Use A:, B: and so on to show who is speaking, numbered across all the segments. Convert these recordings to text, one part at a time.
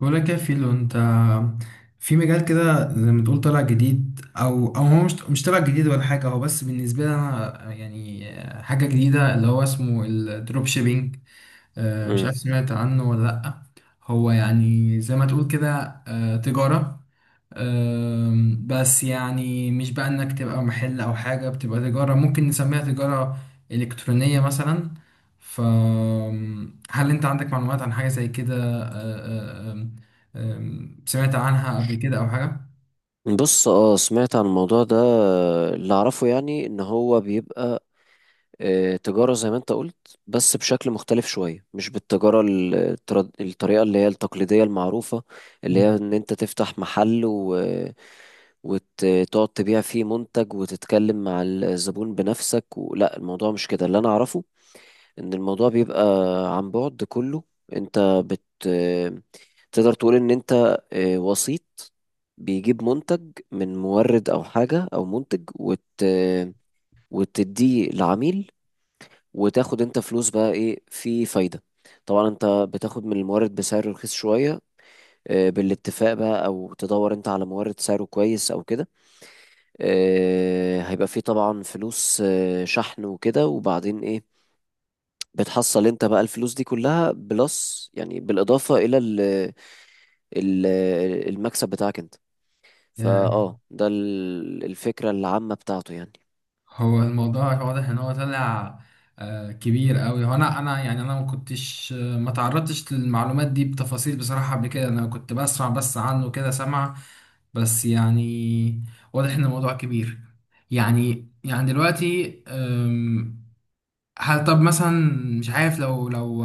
A: ولا كافيلو انت في مجال كده زي ما تقول طلع جديد او هو مش طلع جديد ولا حاجه. هو بس بالنسبه لي انا يعني حاجه جديده اللي هو اسمه الدروب شيبينج. مش
B: مم.
A: عارف سمعت عنه ولا لا. هو يعني زي ما تقول كده تجاره. بس يعني مش بقى انك تبقى محل او حاجة، بتبقى تجارة، ممكن نسميها تجارة إلكترونية مثلا. فهل انت عندك معلومات عن حاجة زي كده؟ أه، أم، سمعت عنها قبل كده او حاجة؟
B: بص سمعت عن الموضوع ده. اللي اعرفه يعني ان هو بيبقى تجارة زي ما انت قلت، بس بشكل مختلف شوية، مش بالتجارة الطريقة اللي هي التقليدية المعروفة، اللي هي ان انت تفتح محل وتقعد تبيع فيه منتج وتتكلم مع الزبون بنفسك لا الموضوع مش كده. اللي انا اعرفه ان الموضوع بيبقى عن بعد كله. انت بت تقدر تقول ان انت وسيط بيجيب منتج من مورد او حاجة او منتج وتديه لعميل، وتاخد انت فلوس. بقى ايه في فايدة؟ طبعا انت بتاخد من المورد بسعر رخيص شوية، بالاتفاق بقى، او تدور انت على مورد سعره كويس او كده. هيبقى فيه طبعا فلوس شحن وكده، وبعدين ايه، بتحصل انت بقى الفلوس دي كلها بلس، يعني بالإضافة إلى ال المكسب بتاعك انت.
A: يعني
B: فاه ده الفكرة العامة بتاعته يعني.
A: هو الموضوع واضح ان هو طلع كبير قوي. هو انا يعني انا ما كنتش ما تعرضتش للمعلومات دي بتفاصيل بصراحة. قبل كده انا كنت بسمع بس عنه كده سمع. بس يعني واضح ان الموضوع كبير. يعني دلوقتي هل طب مثلا مش عارف لو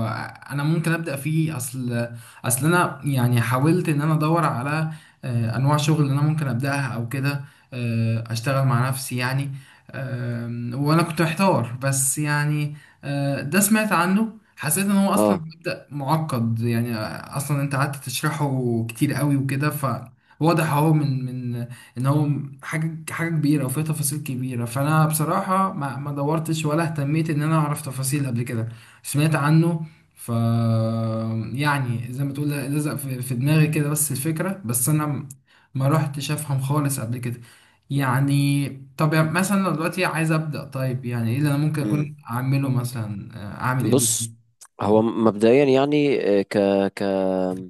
A: انا ممكن ابدا فيه؟ اصل انا يعني حاولت ان انا ادور على انواع شغل اللي انا ممكن ابداها او كده، اشتغل مع نفسي يعني. وانا كنت محتار بس يعني. ده سمعت عنه حسيت ان هو اصلا
B: اه
A: مبدا معقد يعني. اصلا انت قعدت تشرحه كتير قوي وكده، فواضح اهو من ان هو حاجه حاجه كبيره وفيها تفاصيل كبيره. فانا بصراحه ما دورتش ولا اهتميت ان انا اعرف تفاصيل قبل كده. سمعت عنه ف يعني زي ما تقول لزق في دماغي كده بس الفكره، بس انا ما رحتش افهم خالص قبل كده. يعني طب يعني مثلا لو دلوقتي عايز ابدا، طيب يعني ايه اللي انا ممكن
B: امم
A: اكون اعمله مثلا؟ اعمل ايه بالظبط؟
B: بص، هو مبدئيا يعني آه، ك ك آه،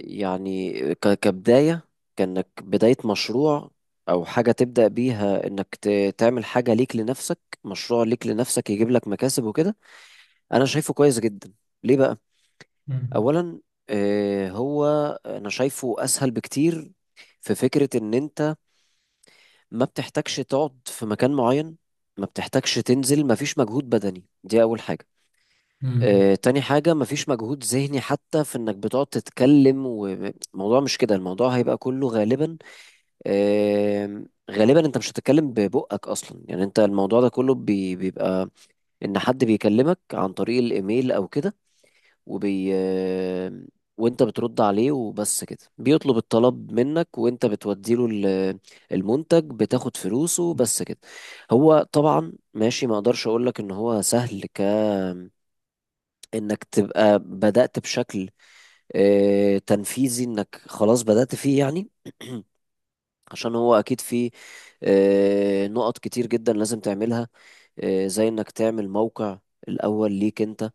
B: يعني ك كبداية، كأنك بداية مشروع أو حاجة تبدأ بيها، إنك تعمل حاجة ليك لنفسك، مشروع ليك لنفسك يجيب لك مكاسب وكده، أنا شايفه كويس جدا. ليه بقى؟
A: مم.
B: اولا آه، هو انا شايفه اسهل بكتير في فكرة ان انت ما بتحتاجش تقعد في مكان معين، ما بتحتاجش تنزل، ما فيش مجهود بدني، دي اول حاجة.
A: مم.
B: تاني حاجة، ما فيش مجهود ذهني حتى، في انك بتقعد تتكلم والموضوع مش كده. الموضوع هيبقى كله غالبا، غالبا انت مش هتتكلم ببقك اصلا. يعني انت الموضوع ده كله بيبقى ان حد بيكلمك عن طريق الايميل او كده، وبي وانت بترد عليه وبس كده، بيطلب الطلب منك وانت بتوديله المنتج، بتاخد فلوسه، بس كده. هو طبعا ماشي، ما اقدرش اقول لك ان هو سهل انك تبقى بدأت بشكل تنفيذي، انك خلاص بدأت فيه يعني. عشان هو اكيد فيه نقط كتير جدا لازم تعملها، زي انك تعمل موقع الاول ليك انت،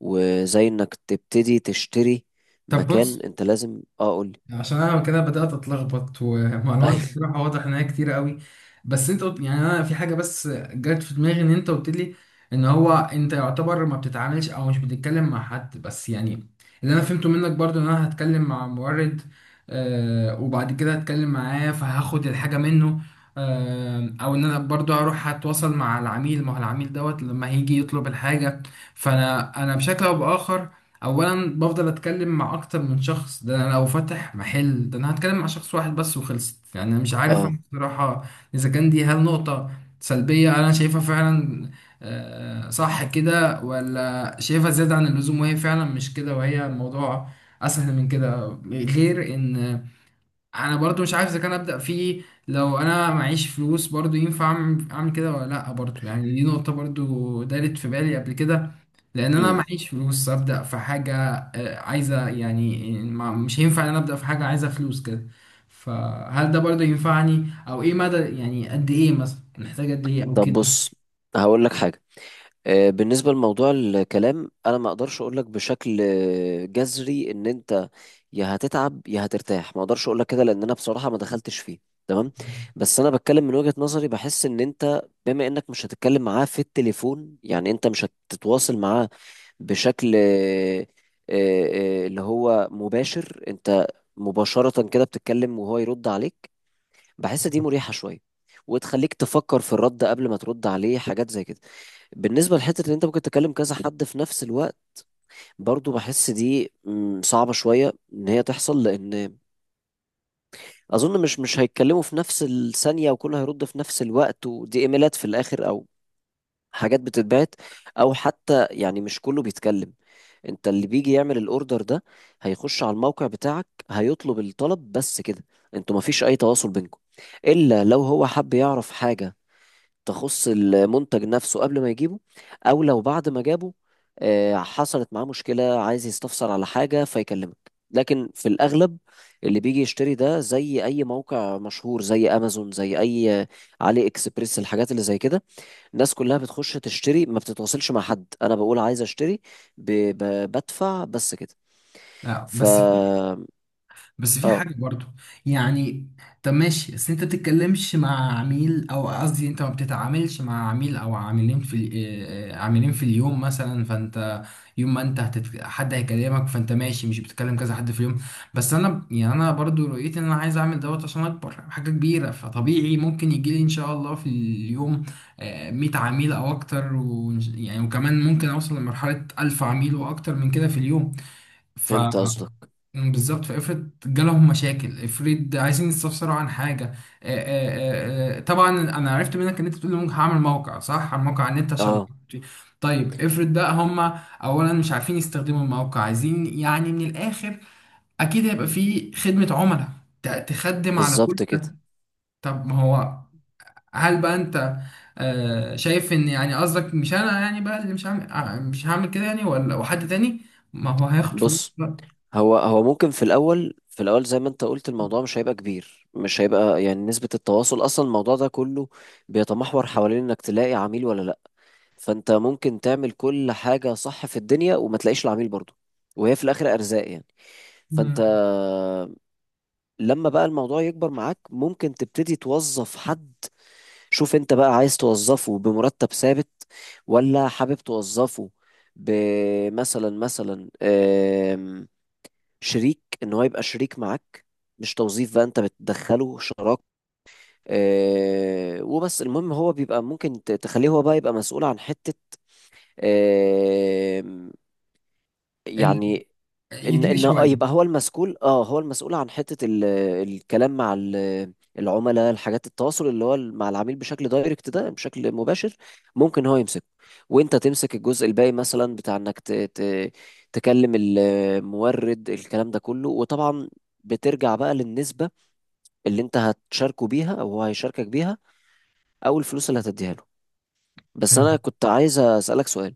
B: وزي انك تبتدي تشتري
A: طب
B: مكان.
A: بص،
B: انت لازم قول لي.
A: عشان انا كده بدات اتلخبط ومعلومات
B: ايوه.
A: بصراحه واضح ان هي كتير قوي. بس انت قلت يعني انا في حاجه بس جت في دماغي، ان انت قلت لي ان هو انت يعتبر ما بتتعاملش او مش بتتكلم مع حد. بس يعني اللي انا فهمته منك برضو ان انا هتكلم مع مورد، وبعد كده هتكلم معاه فهاخد الحاجه منه، او ان انا برضو هروح هتواصل مع العميل. ما هو العميل دوت لما هيجي يطلب الحاجه فانا بشكل او باخر اولا بفضل اتكلم مع اكتر من شخص. ده انا لو فاتح محل ده انا هتكلم مع شخص واحد بس وخلصت. يعني انا مش عارف
B: اه
A: انا بصراحة اذا كان دي هل نقطة سلبية انا شايفها فعلا صح كده؟ ولا شايفها زيادة عن اللزوم وهي فعلا مش كده وهي الموضوع اسهل من كده. غير ان انا برضو مش عارف اذا كان ابدا فيه، لو انا معيش فلوس برضو ينفع اعمل أعمل كده ولا لا. برضو يعني دي نقطة برضو دارت في بالي قبل كده، لان انا
B: امم
A: معيش فلوس ابدا في حاجه عايزه يعني. مش هينفع ان انا ابدا في حاجه عايزه فلوس كده. فهل ده برضه ينفعني؟ او ايه مدى يعني، قد ايه مثلا نحتاج، قد ايه او
B: طب
A: كده؟
B: بص، هقول لك حاجه. بالنسبه لموضوع الكلام، انا ما اقدرش اقول لك بشكل جذري ان انت يا هتتعب يا هترتاح، ما اقدرش اقول لك كده، لان انا بصراحه ما دخلتش فيه، تمام؟ بس انا بتكلم من وجهه نظري، بحس ان انت بما انك مش هتتكلم معاه في التليفون، يعني انت مش هتتواصل معاه بشكل اللي هو مباشر، انت مباشره كده بتتكلم وهو يرد عليك، بحس دي مريحه شويه، وتخليك تفكر في الرد قبل ما ترد عليه، حاجات زي كده. بالنسبة لحتة إن أنت ممكن تكلم كذا حد في نفس الوقت، برضو بحس دي صعبة شوية إن هي تحصل، لأن اظن مش هيتكلموا في نفس الثانيه وكله هيرد في نفس الوقت. ودي ايميلات في الاخر، او حاجات بتتبعت، او حتى يعني مش كله بيتكلم. انت اللي بيجي يعمل الاوردر ده، هيخش على الموقع بتاعك، هيطلب الطلب، بس كده. انتوا مفيش اي تواصل بينكم، الا لو هو حب يعرف حاجه تخص المنتج نفسه قبل ما يجيبه، او لو بعد ما جابه حصلت معاه مشكلة عايز يستفسر على حاجة فيكلمك. لكن في الأغلب اللي بيجي يشتري ده، زي أي موقع مشهور زي أمازون، زي أي علي إكسبريس، الحاجات اللي زي كده، الناس كلها بتخش تشتري، ما بتتواصلش مع حد. أنا بقول عايز أشتري، ب... بدفع، بس كده.
A: لا
B: ف
A: بس في، بس في
B: آه
A: حاجة برضو يعني. طب ماشي بس انت بتتكلمش مع عميل، او قصدي انت ما بتتعاملش مع عميل او عاملين في عاملين في اليوم مثلا. فانت يوم ما انت حد هيكلمك فانت ماشي مش بتتكلم كذا حد في اليوم. بس انا يعني انا برضو رؤيتي ان انا عايز اعمل دوت عشان اكبر حاجة كبيرة، فطبيعي ممكن يجي لي ان شاء الله في اليوم 100 عميل او اكتر، و... يعني وكمان ممكن اوصل لمرحلة 1000 عميل واكتر من كده في اليوم.
B: فهمت قصدك.
A: مم، بالظبط. فافرض جالهم مشاكل، افرض عايزين يستفسروا عن حاجه. طبعا انا عرفت منك ان انت بتقول لي ممكن هعمل موقع، صح؟ على موقع على النت عشان
B: آه،
A: طيب افرض بقى هم اولا مش عارفين يستخدموا الموقع، عايزين يعني من الاخر اكيد هيبقى في خدمه عملاء تخدم على كل
B: بالظبط كده.
A: ده. طب ما هو هل بقى انت شايف ان يعني قصدك مش انا يعني بقى اللي مش هعمل، مش هعمل كده يعني؟ ولا وحد تاني، ما هو هياخد فلوس
B: بص،
A: بقى؟
B: هو ممكن في الاول زي ما انت قلت الموضوع مش هيبقى كبير، مش هيبقى يعني نسبة التواصل. اصلا الموضوع ده كله بيتمحور حوالين انك تلاقي عميل ولا لا. فانت ممكن تعمل كل حاجة صح في الدنيا وما تلاقيش العميل برضه، وهي في الاخر ارزاق يعني. فانت
A: مم.
B: لما بقى الموضوع يكبر معاك، ممكن تبتدي توظف حد. شوف انت بقى عايز توظفه بمرتب ثابت، ولا حابب توظفه بمثلا شريك، ان هو يبقى شريك معاك، مش توظيف بقى، انت بتدخله شراك. وبس المهم هو بيبقى ممكن تخليه هو بقى يبقى مسؤول عن حتة، آه يعني ان
A: يدير
B: ان آه
A: شويه.
B: يبقى هو المسؤول اه هو المسؤول عن حتة الكلام مع العملاء، الحاجات، التواصل اللي هو مع العميل بشكل دايركت ده، بشكل مباشر، ممكن هو يمسكه وانت تمسك الجزء الباقي، مثلا بتاع انك تكلم المورد، الكلام ده كله. وطبعا بترجع بقى للنسبة اللي انت هتشاركه بيها او هو هيشاركك بيها، او الفلوس اللي هتديها له. بس انا
A: فاهم.
B: كنت عايز اسألك سؤال،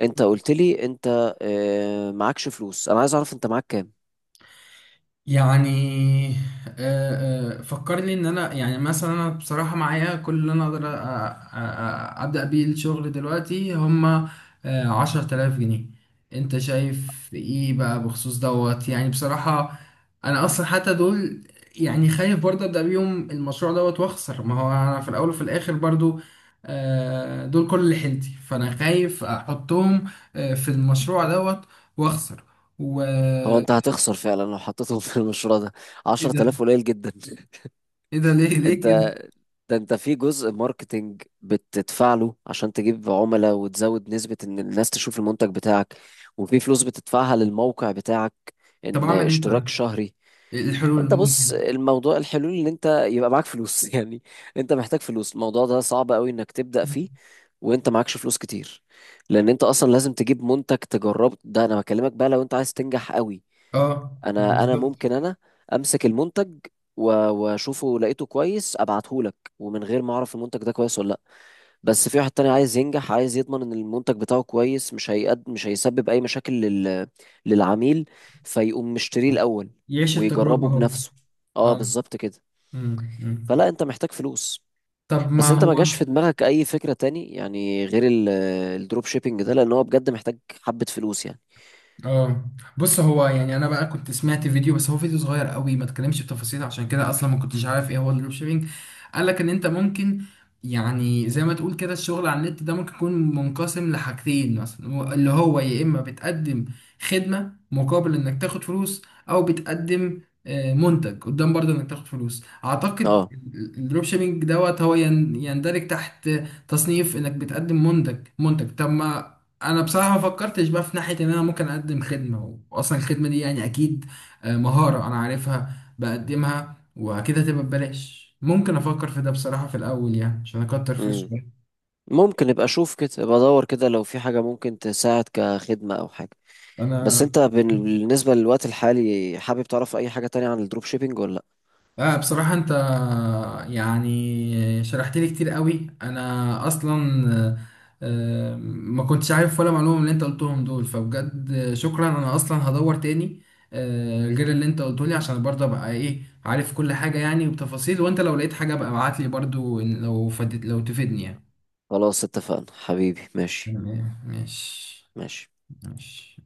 B: انت قلت لي انت معكش فلوس، انا عايز اعرف انت معاك كام.
A: يعني فكرني ان انا يعني مثلا انا بصراحه معايا كل اللي انا اقدر ابدا بيه الشغل دلوقتي هما 10,000 جنيه. انت شايف ايه بقى بخصوص دوت؟ يعني بصراحه انا اصلا حتى دول يعني خايف برضه ابدا بيهم المشروع دوت واخسر. ما هو انا في الاول وفي الاخر برضه دول كل اللي حيلتي، فانا خايف احطهم في المشروع دوت واخسر، و
B: هو انت هتخسر فعلا لو حطيتهم في المشروع ده،
A: ايه
B: 10,000
A: ده؟
B: قليل جدا.
A: ايه ده؟ ليه ليه
B: انت
A: كده؟
B: ده انت في جزء ماركتينج بتدفع له عشان تجيب عملاء وتزود نسبة ان الناس تشوف المنتج بتاعك، وفي فلوس بتدفعها للموقع بتاعك،
A: طب
B: ان
A: اعمل ايه
B: اشتراك
A: طيب؟
B: شهري.
A: إيه الحلول اللي
B: انت بص،
A: ممكن؟
B: الموضوع الحلول ان انت يبقى معاك فلوس يعني. انت محتاج فلوس، الموضوع ده صعب قوي انك تبدأ فيه وانت معكش فلوس كتير، لان انت اصلا لازم تجيب منتج تجربه. ده انا بكلمك بقى لو انت عايز تنجح قوي.
A: اه
B: انا
A: بالظبط.
B: ممكن انا امسك المنتج واشوفه لقيته كويس ابعته لك ومن غير ما اعرف المنتج ده كويس ولا لا. بس في واحد تاني عايز ينجح، عايز يضمن ان المنتج بتاعه كويس، مش هيسبب اي مشاكل للعميل، فيقوم مشتريه الاول
A: يعيش التجربة
B: ويجربه
A: هو.
B: بنفسه. اه،
A: اه.
B: بالظبط كده.
A: أمم.
B: فلا، انت محتاج فلوس.
A: طب ما
B: بس انت ما جاش
A: هو.
B: في دماغك اي فكرة تاني يعني غير الدروب شيبينج ده؟ لان هو بجد محتاج حبة فلوس يعني.
A: اه بص، هو يعني انا بقى كنت سمعت فيديو، بس هو فيديو صغير قوي ما اتكلمش بتفاصيل، عشان كده اصلا ما كنتش عارف ايه هو الدروب شيبينج. قال لك ان انت ممكن يعني زي ما تقول كده الشغل على النت ده ممكن يكون منقسم لحاجتين مثلا، اللي هو يا اما بتقدم خدمة مقابل انك تاخد فلوس، او بتقدم منتج قدام برضه انك تاخد فلوس، اعتقد.
B: اه.
A: الدروب شيبينج دوت هو يندرج تحت تصنيف انك بتقدم منتج طب ما انا بصراحه ما فكرتش بقى في ناحيه ان انا ممكن اقدم خدمه، واصلا الخدمه دي يعني اكيد مهاره انا عارفها بقدمها واكيد هتبقى ببلاش، ممكن افكر في ده بصراحه في الاول يعني عشان اكتر فلوس
B: امم.
A: شويه.
B: ممكن ابقى اشوف كده، ابقى ادور كده لو في حاجة ممكن تساعد كخدمة او حاجة. بس
A: انا
B: انت بالنسبة للوقت الحالي، حابب تعرف اي حاجة تانية عن الدروب شيبينج ولا لا؟
A: بصراحة أنت يعني شرحت لي كتير قوي. أنا أصلا آه، ما كنتش عارف ولا معلومة من اللي أنت قلتهم دول، فبجد شكرا. أنا أصلا هدور تاني غير اللي أنت قلته لي، عشان برضه أبقى إيه عارف كل حاجة يعني وبتفاصيل. وأنت لو لقيت حاجة بقى ابعت لي برضه، لو فدت، لو تفيدني يعني.
B: خلاص، اتفقنا حبيبي، ماشي.
A: تمام ماشي.
B: ماشي.
A: ماشي.